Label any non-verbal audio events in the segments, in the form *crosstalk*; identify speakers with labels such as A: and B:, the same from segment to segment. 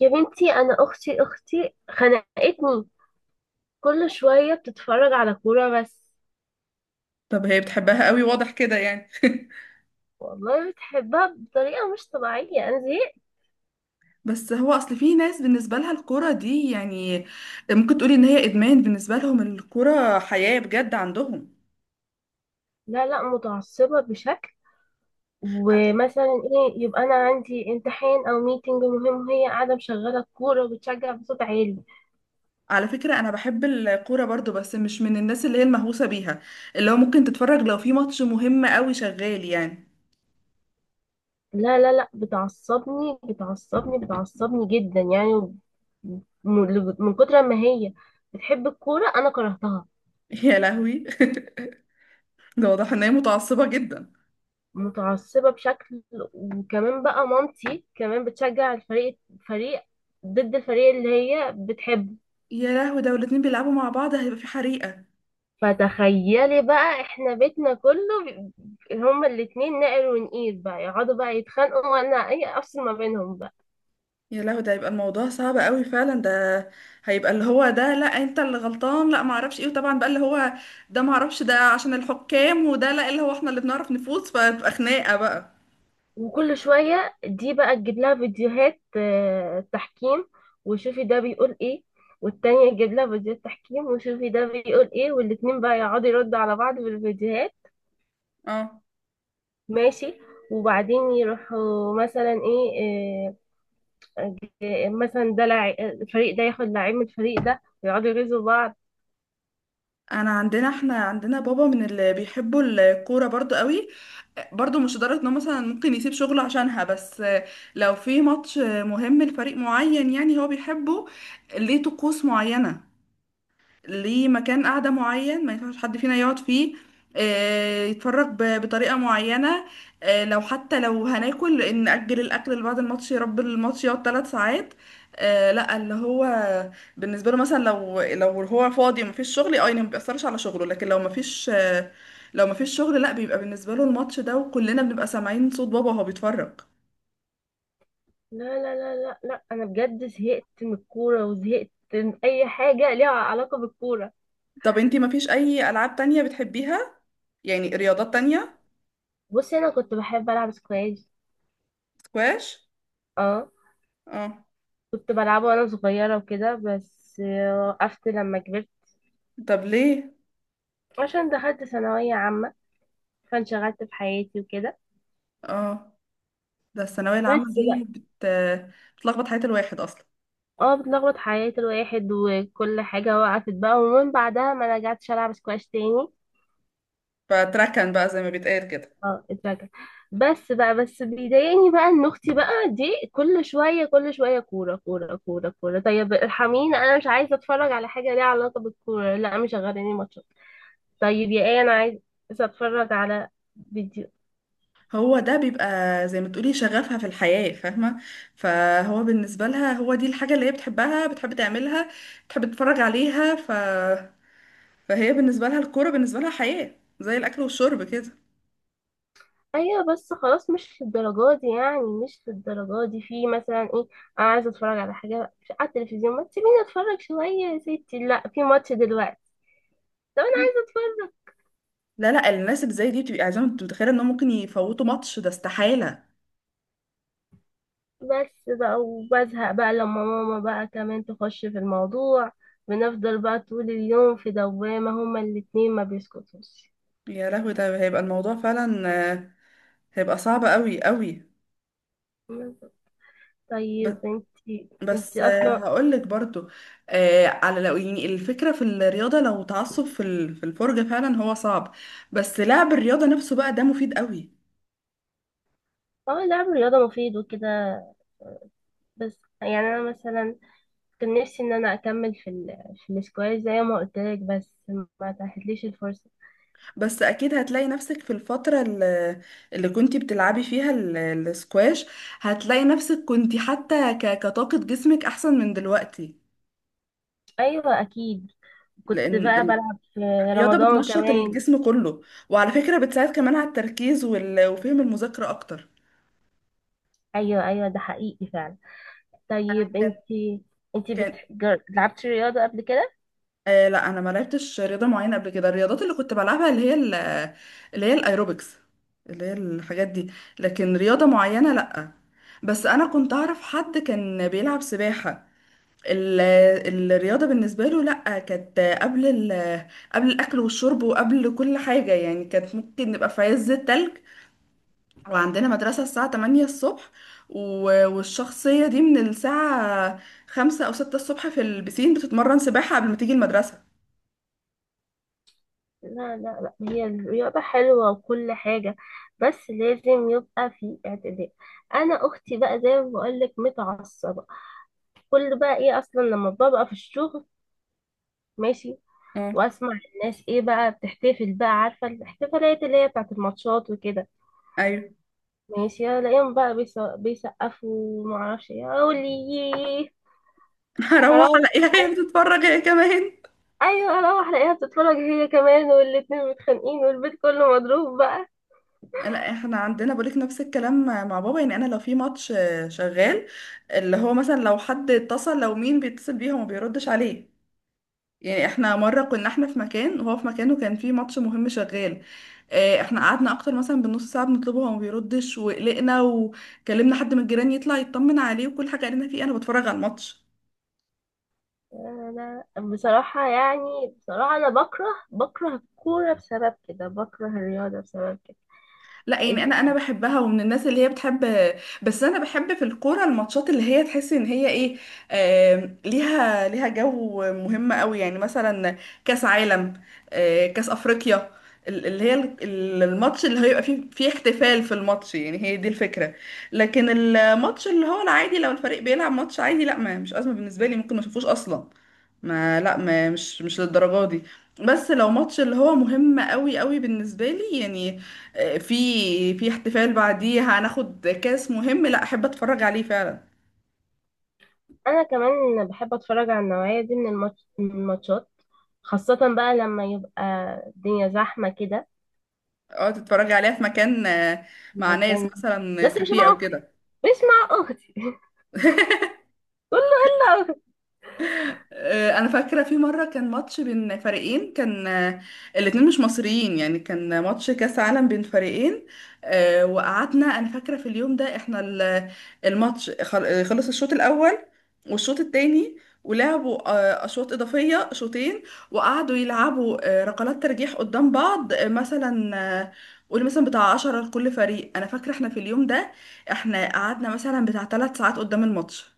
A: يا بنتي، انا اختي خنقتني. كل شويه بتتفرج على كوره بس.
B: طب هي بتحبها قوي، واضح كده يعني. *laughs*
A: والله بتحبها بطريقه مش طبيعيه، انا زهقت.
B: بس هو اصل في ناس بالنسبه لها الكوره دي يعني ممكن تقولي ان هي ادمان، بالنسبه لهم الكوره حياه بجد عندهم.
A: لا لا، متعصبه بشكل.
B: على
A: ومثلا ايه يبقى؟ انا عندي امتحان او ميتنج مهم، وهي قاعده مشغله الكوره وبتشجع بصوت عالي.
B: على فكره انا بحب الكوره برضو، بس مش من الناس اللي هي المهووسه بيها، اللي هو ممكن تتفرج لو في ماتش مهم قوي شغال يعني.
A: لا لا لا، بتعصبني بتعصبني بتعصبني جدا يعني. من كتر ما هي بتحب الكوره انا كرهتها.
B: يا لهوي. *laughs* ده واضح ان هي متعصبه جدا.
A: متعصبة بشكل. وكمان بقى مامتي كمان بتشجع فريق ضد الفريق اللي هي بتحبه.
B: يا لهوي، ده والاتنين بيلعبوا مع بعض هيبقى في حريقه.
A: فتخيلي بقى، احنا بيتنا كله هما الاتنين نقر ونقيل بقى، يقعدوا بقى يتخانقوا وانا اي افصل ما بينهم بقى.
B: يا لهوي، ده هيبقى الموضوع صعب قوي فعلا. ده هيبقى اللي هو ده لا انت اللي غلطان، لا ما اعرفش ايه، وطبعا بقى اللي هو ده ما اعرفش ده عشان الحكام، وده لا اللي هو احنا اللي بنعرف نفوز، فتبقى خناقة بقى.
A: وكل شوية دي بقى تجيب لها فيديوهات تحكيم، وشوفي ده بيقول ايه. والتانية تجيب لها فيديوهات تحكيم وشوفي ده بيقول ايه، والاتنين بقى يقعدوا يردوا على بعض بالفيديوهات.
B: اه،
A: ماشي. وبعدين يروحوا مثلا ايه، آه، مثلا ده الفريق ده ياخد لعيب من الفريق ده، ويقعدوا يغيظوا بعض.
B: انا عندنا احنا عندنا بابا من اللي بيحبوا الكورة برضو قوي. برضو مش لدرجة انه مثلا ممكن يسيب شغله عشانها، بس لو في ماتش مهم لفريق معين يعني هو بيحبه، ليه طقوس معينة، ليه مكان قعدة معين ما ينفعش حد فينا يقعد فيه، يتفرج بطريقة معينة، لو حتى لو هناكل إن نأجل الأكل لبعد الماتش، يا رب الماتش يقعد ثلاث ساعات. لا اللي هو بالنسبة له مثلا لو هو فاضي ومفيش شغل، اه يعني ما بيأثرش على شغله، لكن لو مفيش شغل، لا بيبقى بالنسبة له الماتش ده، وكلنا بنبقى سامعين صوت بابا وهو بيتفرج.
A: لا لا لا لا لا، انا بجد زهقت من الكوره، وزهقت من اي حاجه ليها علاقه بالكوره.
B: طب انتي مفيش أي ألعاب تانية بتحبيها؟ يعني رياضات
A: بص
B: تانية؟
A: بصي انا كنت بحب العب سكواش.
B: سكواش،
A: اه،
B: اه.
A: كنت بلعبه وانا صغيره وكده، بس وقفت لما كبرت.
B: طب ليه؟
A: عشان دخلت ثانويه عامه فانشغلت في حياتي وكده.
B: اه، ده الثانوية العامة
A: بس
B: دي
A: بقى.
B: بتلخبط حياة الواحد أصلا،
A: اه، بتلخبط حياة الواحد وكل حاجة وقفت بقى، ومن بعدها ما رجعتش ألعب سكواش تاني.
B: فتركن بقى زي ما بيتقال كده.
A: اه، اترجع. بس بقى، بس بيضايقني بقى ان اختي بقى دي كل شوية كل شوية كورة كورة كورة كورة. طيب ارحميني، انا مش عايزة اتفرج على حاجة ليها علاقة بالكورة. لا، مش غيراني ماتشات. طيب يا ايه، انا عايزة اتفرج على فيديو.
B: هو ده بيبقى زي ما تقولي شغفها في الحياة، فاهمة؟ فهو بالنسبة لها هو دي الحاجة اللي هي بتحبها، بتحب تعملها، بتحب تتفرج عليها، فهي بالنسبة لها الكورة بالنسبة لها حياة زي الأكل والشرب كده.
A: ايوه، بس خلاص مش للدرجه دي يعني، مش للدرجه دي. في مثلا ايه، انا عايزه اتفرج على حاجه على التلفزيون، ما تسيبيني اتفرج شويه. يا ستي، لا، في ماتش دلوقتي. طب انا عايزه اتفرج.
B: لا، لا، الناس اللي زي دي بتبقى عايزة، انت متخيلة انهم ممكن يفوتوا ماتش؟ ده استحالة.
A: بس بقى، وبزهق بقى لما ماما بقى كمان تخش في الموضوع. بنفضل بقى طول اليوم في دوامه، هما الاتنين ما بيسكتوش.
B: يا لهوي، ده هيبقى الموضوع فعلا، هيبقى صعب قوي قوي.
A: طيب انتي
B: بس
A: انتي اصلا.
B: هقولك برضو، آه، على لو يعني الفكرة في الرياضة، لو تعصب في الفرجة، فعلا هو صعب، بس لعب الرياضة نفسه بقى ده مفيد قوي.
A: اه، لعب الرياضه مفيد وكده، بس يعني انا مثلا كان نفسي ان انا اكمل في في السكواش زي ما قلت لك، بس ما اتاحتليش الفرصه.
B: بس اكيد هتلاقي نفسك في الفترة اللي كنتي بتلعبي فيها السكواش، هتلاقي نفسك كنتي حتى كطاقة جسمك احسن من دلوقتي،
A: ايوه اكيد، كنت
B: لان
A: بقى بلعب في
B: الرياضة
A: رمضان
B: بتنشط
A: كمان.
B: الجسم كله، وعلى فكرة بتساعد كمان على التركيز وفهم المذاكرة اكتر.
A: ايوه ايوه، ده حقيقي فعلا. طيب
B: كان
A: انتي،
B: كان
A: لعبتي رياضه قبل كده؟
B: آه لا انا ما لعبتش رياضه معينه قبل كده. الرياضات اللي كنت بلعبها اللي هي الايروبكس، اللي هي الحاجات دي، لكن رياضه معينه لا. بس انا كنت اعرف حد كان بيلعب سباحه، ال- الرياضه بالنسبه له لا، كانت قبل الاكل والشرب وقبل كل حاجه يعني. كانت ممكن نبقى في عز التلج وعندنا مدرسه الساعه 8 الصبح، و- والشخصيه دي من الساعه 5 او 6 الصبح في البسين بتتمرن سباحه قبل ما تيجي المدرسه.
A: لا لا لا، هي الرياضه حلوه وكل حاجه، بس لازم يبقى في اعتدال. انا اختي بقى زي ما بقول لك متعصبه. كل بقى ايه اصلا؟ لما ببقى في الشغل، ماشي، واسمع الناس ايه بقى بتحتفل بقى، عارفه الاحتفالات اللي هي بتاعت الماتشات وكده،
B: ايوه.
A: ماشي، الاقيهم بقى بيسقفوا ومعرفش ايه اقول لي.
B: *laughs* هروح
A: هروح،
B: الاقيها هي بتتفرج هي كمان.
A: ايوه، اروح الاقيها بتتفرج هي كمان، والاتنين متخانقين والبيت كله مضروب بقى.
B: لا، احنا عندنا بقولك نفس الكلام مع بابا. يعني انا لو في ماتش شغال، اللي هو مثلا لو حد اتصل، لو مين بيتصل بيه هو ما بيردش عليه. يعني احنا مره كنا احنا في مكان وهو في مكان، وكان في ماتش مهم شغال، احنا قعدنا اكتر مثلا بنص ساعه بنطلبه هو ما بيردش، وقلقنا وكلمنا حد من الجيران يطلع يطمن عليه، وكل حاجه قالنا فيه انا بتفرج على الماتش.
A: انا بصراحه يعني، بصراحه انا بكره، بكره الكوره بسبب كده، بكره الرياضه بسبب كده.
B: لا، يعني انا بحبها ومن الناس اللي هي بتحب، بس انا بحب في الكوره الماتشات اللي هي تحس ان هي ايه، ليها جو مهم قوي، يعني مثلا كاس عالم، كاس افريقيا، ال- اللي هي ال- ال- الماتش اللي هيبقى فيه احتفال في الماتش، يعني هي دي الفكره. لكن الماتش اللي هو العادي، لو الفريق بيلعب ماتش عادي، لا ما مش ازمه بالنسبه لي، ممكن ما اشوفوش اصلا. ما لا ما مش للدرجه دي، بس لو ماتش اللي هو مهم قوي قوي بالنسبه لي يعني، آه، في في احتفال بعديه، هناخد كاس مهم، لا احب اتفرج عليه فعلا.
A: انا كمان بحب اتفرج على النوعيه دي من من الماتشات، خاصه بقى لما يبقى الدنيا زحمه كده.
B: اه، تتفرج عليها في مكان، مع ناس
A: لكن،
B: مثلا
A: بس مش
B: كافيه
A: مع
B: او
A: اختي،
B: كده.
A: مش مع اختي. *laughs* قول له هلا أختي.
B: انا فاكره في مره كان ماتش بين فريقين، كان الاتنين مش مصريين، يعني كان ماتش كاس عالم بين فريقين، وقعدنا. انا فاكره في اليوم ده احنا الماتش خلص الشوط الاول والشوط التاني، ولعبوا اشواط اضافيه شوطين، وقعدوا يلعبوا ركلات ترجيح قدام بعض، مثلا، آه، قول مثلا بتاع 10 لكل فريق. انا فاكره احنا في اليوم ده، احنا قعدنا مثلا بتاع 3 ساعات قدام الماتش.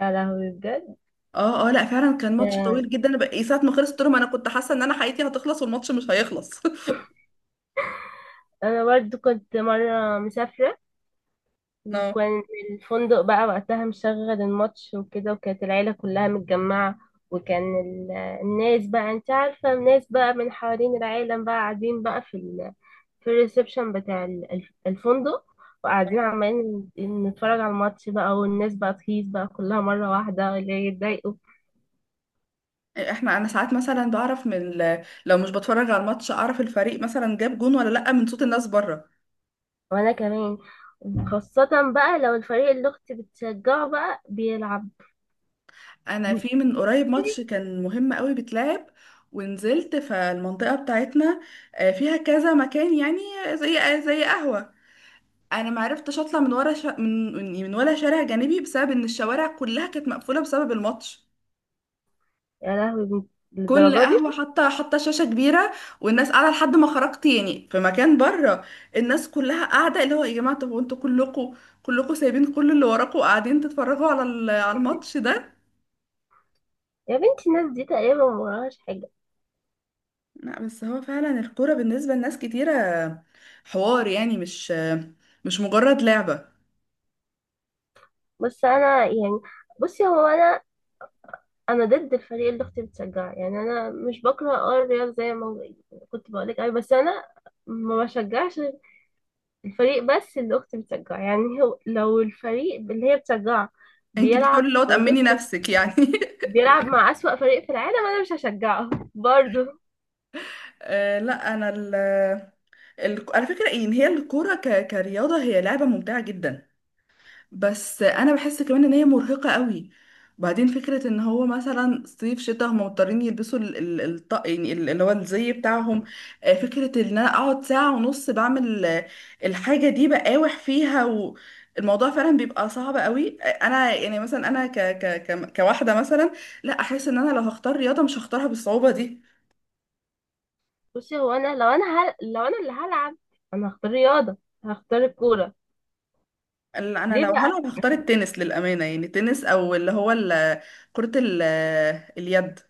A: يا لهوي بجد!
B: اه اه، لا فعلا كان ماتش
A: ده
B: طويل جدا، انا بقى- إيه، ساعة ما خلص تورم انا كنت حاسة ان انا حياتي هتخلص والماتش مش هيخلص. *laughs*
A: انا برضو كنت مره مسافره،
B: اه،
A: وكان الفندق بقى وقتها مشغل الماتش وكده، وكانت العيله كلها متجمعه. وكان الناس بقى، انت عارفه، الناس بقى من حوالين العالم بقى قاعدين بقى في الريسبشن بتاع الفندق. وقاعدين عمالين نتفرج على الماتش بقى، والناس بقى تهيص بقى كلها مره واحده، اللي يتضايقوا.
B: احنا انا ساعات مثلا بعرف لو مش بتفرج على الماتش اعرف الفريق مثلا جاب جون ولا لا من صوت الناس بره.
A: وانا كمان، خاصة بقى لو الفريق اللي اختي بتشجعه بقى بيلعب.
B: انا في من قريب
A: بصي،
B: ماتش كان مهم قوي بيتلعب، ونزلت فالمنطقة بتاعتنا، فيها كذا مكان يعني، زي قهوة. انا ما عرفتش اطلع من ورا شا... من من ولا شارع جانبي بسبب ان الشوارع كلها كانت مقفولة بسبب الماتش.
A: يا لهوي
B: كل
A: للدرجة دي!
B: قهوة حاطة حاطة شاشة كبيرة، والناس قاعدة لحد ما خرجت يعني. في مكان بره الناس كلها قاعدة اللي هو، يا جماعة طب وانتوا كلكوا سايبين كل اللي وراكوا وقاعدين تتفرجوا على الماتش ده؟
A: يا بنتي، الناس دي تقريبا ما وراهاش حاجة.
B: لا، بس هو فعلا الكورة بالنسبة لناس كتيرة حوار، يعني مش مجرد لعبة.
A: بس انا يعني، بصي، هو انا ضد الفريق اللي اختي بتشجعه. يعني انا مش بكره الرياض زي ما كنت بقولك اي، بس انا ما بشجعش الفريق بس اللي اختي بتشجعه. يعني هو لو الفريق اللي هي بتشجعه
B: انت بتحاولي
A: بيلعب،
B: اللي هو تأمني
A: بصي،
B: نفسك يعني. *laughs*
A: بيلعب مع أسوأ فريق في العالم، انا مش هشجعه *laughs* برضه.
B: لا انا على فكرة ان هي الكورة كرياضة هي لعبة ممتعة جدا، بس انا بحس كمان ان هي مرهقة قوي. وبعدين فكرة ان هو مثلا صيف شتاء هم مضطرين يلبسوا ال- ال- الطق يعني اللي هو الزي بتاعهم، فكرة ان انا اقعد ساعة ونص بعمل الحاجة دي بقاوح فيها، والموضوع فعلا بيبقى صعب قوي. انا يعني مثلا انا كواحدة مثلا، لا احس ان انا لو هختار رياضة مش هختارها بالصعوبة دي.
A: بصي، هو انا، لو انا اللي هلعب، انا هختار رياضه، هختار الكوره. ليه
B: انا لو
A: بقى؟
B: هلعب هختار
A: عشان-
B: التنس، للأمانة، يعني التنس او اللي هو كرة اليد.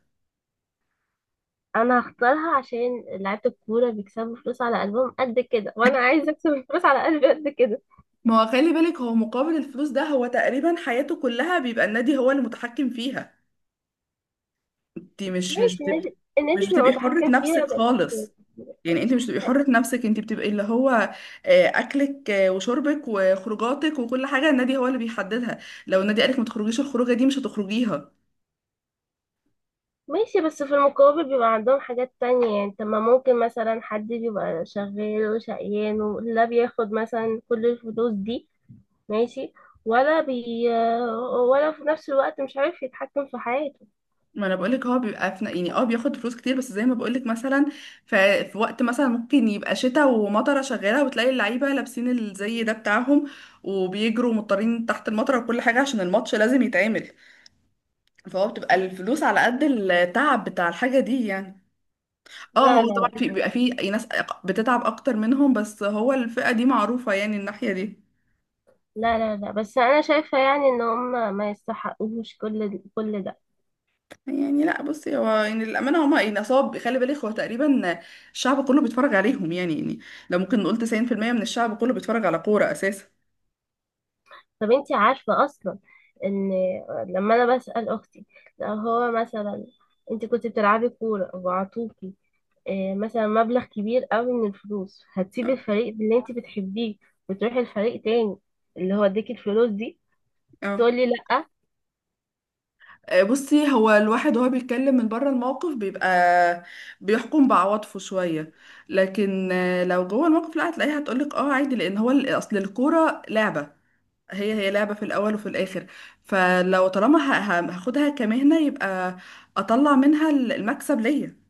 A: انا هختارها عشان لعيبه الكوره بيكسبوا فلوس على قلبهم قد كده، وانا عايزه اكسب فلوس على قلبي قد كده.
B: ما هو خلي بالك، هو مقابل الفلوس ده هو تقريبا حياته كلها بيبقى النادي هو اللي متحكم فيها. انت مش
A: ماشي، النادي بيبقى
B: بتبقي حرة
A: متحكم فيها
B: نفسك
A: بس.
B: خالص، يعني انت مش بتبقي حرة نفسك، انت بتبقي اللي هو اكلك وشربك وخروجاتك وكل حاجة النادي هو اللي بيحددها. لو النادي قالك ما تخرجيش الخروجة دي مش هتخرجيها.
A: ماشي، بس في المقابل بيبقى عندهم حاجات تانية يعني. طب ما ممكن مثلا حد بيبقى شغال وشقيان ولا بياخد مثلا كل الفلوس دي؟ ماشي، ولا بي ولا في نفس الوقت مش عارف يتحكم في حياته.
B: ما انا بقولك هو بيبقى في، يعني اه بياخد فلوس كتير، بس زي ما بقولك مثلا في وقت مثلا ممكن يبقى شتاء ومطره شغاله، وتلاقي اللعيبه لابسين الزي ده بتاعهم، وبيجروا مضطرين تحت المطره وكل حاجه عشان الماتش لازم يتعمل، فهو بتبقى الفلوس على قد التعب بتاع الحاجه دي يعني. اه،
A: لا
B: هو
A: لا
B: طبعا
A: لا
B: في بيبقى في ناس بتتعب اكتر منهم، بس هو الفئه دي معروفه يعني، الناحيه دي.
A: لا لا لا، بس انا شايفه يعني ان هم ما يستحقوش كل ده.
B: يعني لا، بصي هو يعني للأمانة هما يعني نصاب، خلي بالك هو تقريبا الشعب كله بيتفرج عليهم، يعني لو ممكن نقول 90% من الشعب كله بيتفرج على كورة أساسا.
A: طب انتي عارفه اصلا، ان لما انا بسال اختي، لو هو مثلا انت كنت بتلعبي كوره وعطوكي مثلا مبلغ كبير قوي من الفلوس، هتسيبي
B: اه.
A: الفريق اللي انت بتحبيه وتروحي الفريق تاني اللي هو اديكي الفلوس دي؟
B: آه.
A: تقولي لا.
B: بصي، هو الواحد وهو بيتكلم من بره الموقف بيبقى بيحكم بعواطفه شوية، لكن لو جوه الموقف لا، هتلاقيها هتقولك اه عادي، لأن هو أصل الكورة لعبة، هي لعبة في الأول وفي الآخر، فلو طالما هاخدها كمهنة يبقى أطلع منها المكسب ليا.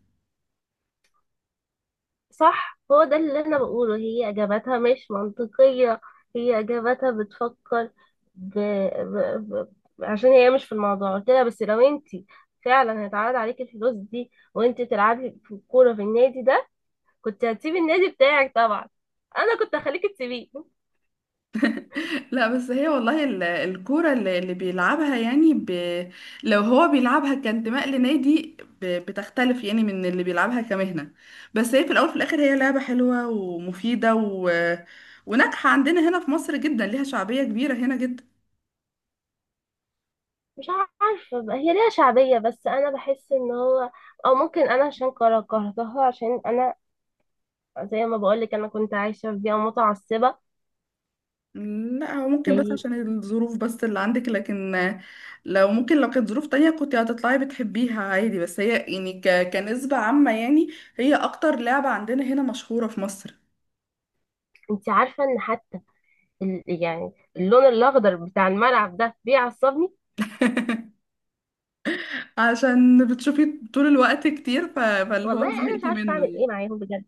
A: صح، هو ده اللي انا بقوله، هي اجاباتها مش منطقية. هي اجاباتها بتفكر ب... ب... عشان هي مش في الموضوع. قلت لها بس لو انت فعلا هيتعرض عليكي الفلوس دي، وانت تلعبي في الكورة في النادي ده، كنت هتسيبي النادي بتاعك طبعا. انا كنت هخليكي تسيبيه.
B: لا، بس هي والله الكورة اللي بيلعبها يعني لو هو بيلعبها كانتماء لنادي بتختلف يعني من اللي بيلعبها كمهنة. بس هي في الأول في الآخر هي لعبة حلوة ومفيدة و... وناجحة عندنا هنا في مصر جدا، ليها شعبية كبيرة هنا جدا.
A: مش عارفة بقى، هي ليها شعبية، بس انا بحس ان هو، او ممكن انا عشان كرهتها، عشان انا زي ما بقولك انا كنت عايشة في بيئة متعصبة.
B: لا، هو ممكن، بس
A: زي
B: عشان الظروف بس اللي عندك، لكن لو كانت ظروف تانية كنت هتطلعي بتحبيها عادي، بس هي يعني كنسبة عامة يعني هي أكتر لعبة عندنا هنا مشهورة في مصر.
A: انت عارفة ان حتى يعني اللون الاخضر بتاع الملعب ده بيعصبني.
B: *laughs* عشان بتشوفي طول الوقت كتير، فاللي هو
A: والله انا مش
B: زهقتي
A: عارفه
B: منه
A: اعمل ايه
B: يعني.
A: معاهم بجد،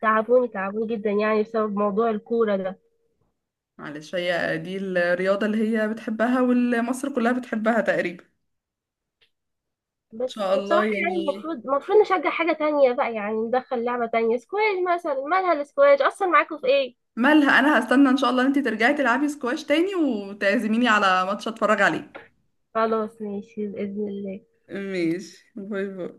A: تعبوني تعبوني جدا يعني بسبب موضوع الكوره ده.
B: معلش، هي دي الرياضة اللي هي بتحبها والمصر كلها بتحبها تقريبا، ان
A: بس
B: شاء الله
A: بصراحه يعني
B: يعني.
A: المفروض نشجع حاجه تانية بقى، يعني ندخل لعبه تانية، سكواش مثلا، مالها السكواش اصلا؟ معاكم في ايه؟
B: مالها، انا هستنى ان شاء الله انتي ترجعي تلعبي سكواش تاني وتعزميني على ماتش اتفرج عليه.
A: خلاص، ماشي باذن الله.
B: ماشي، باي باي.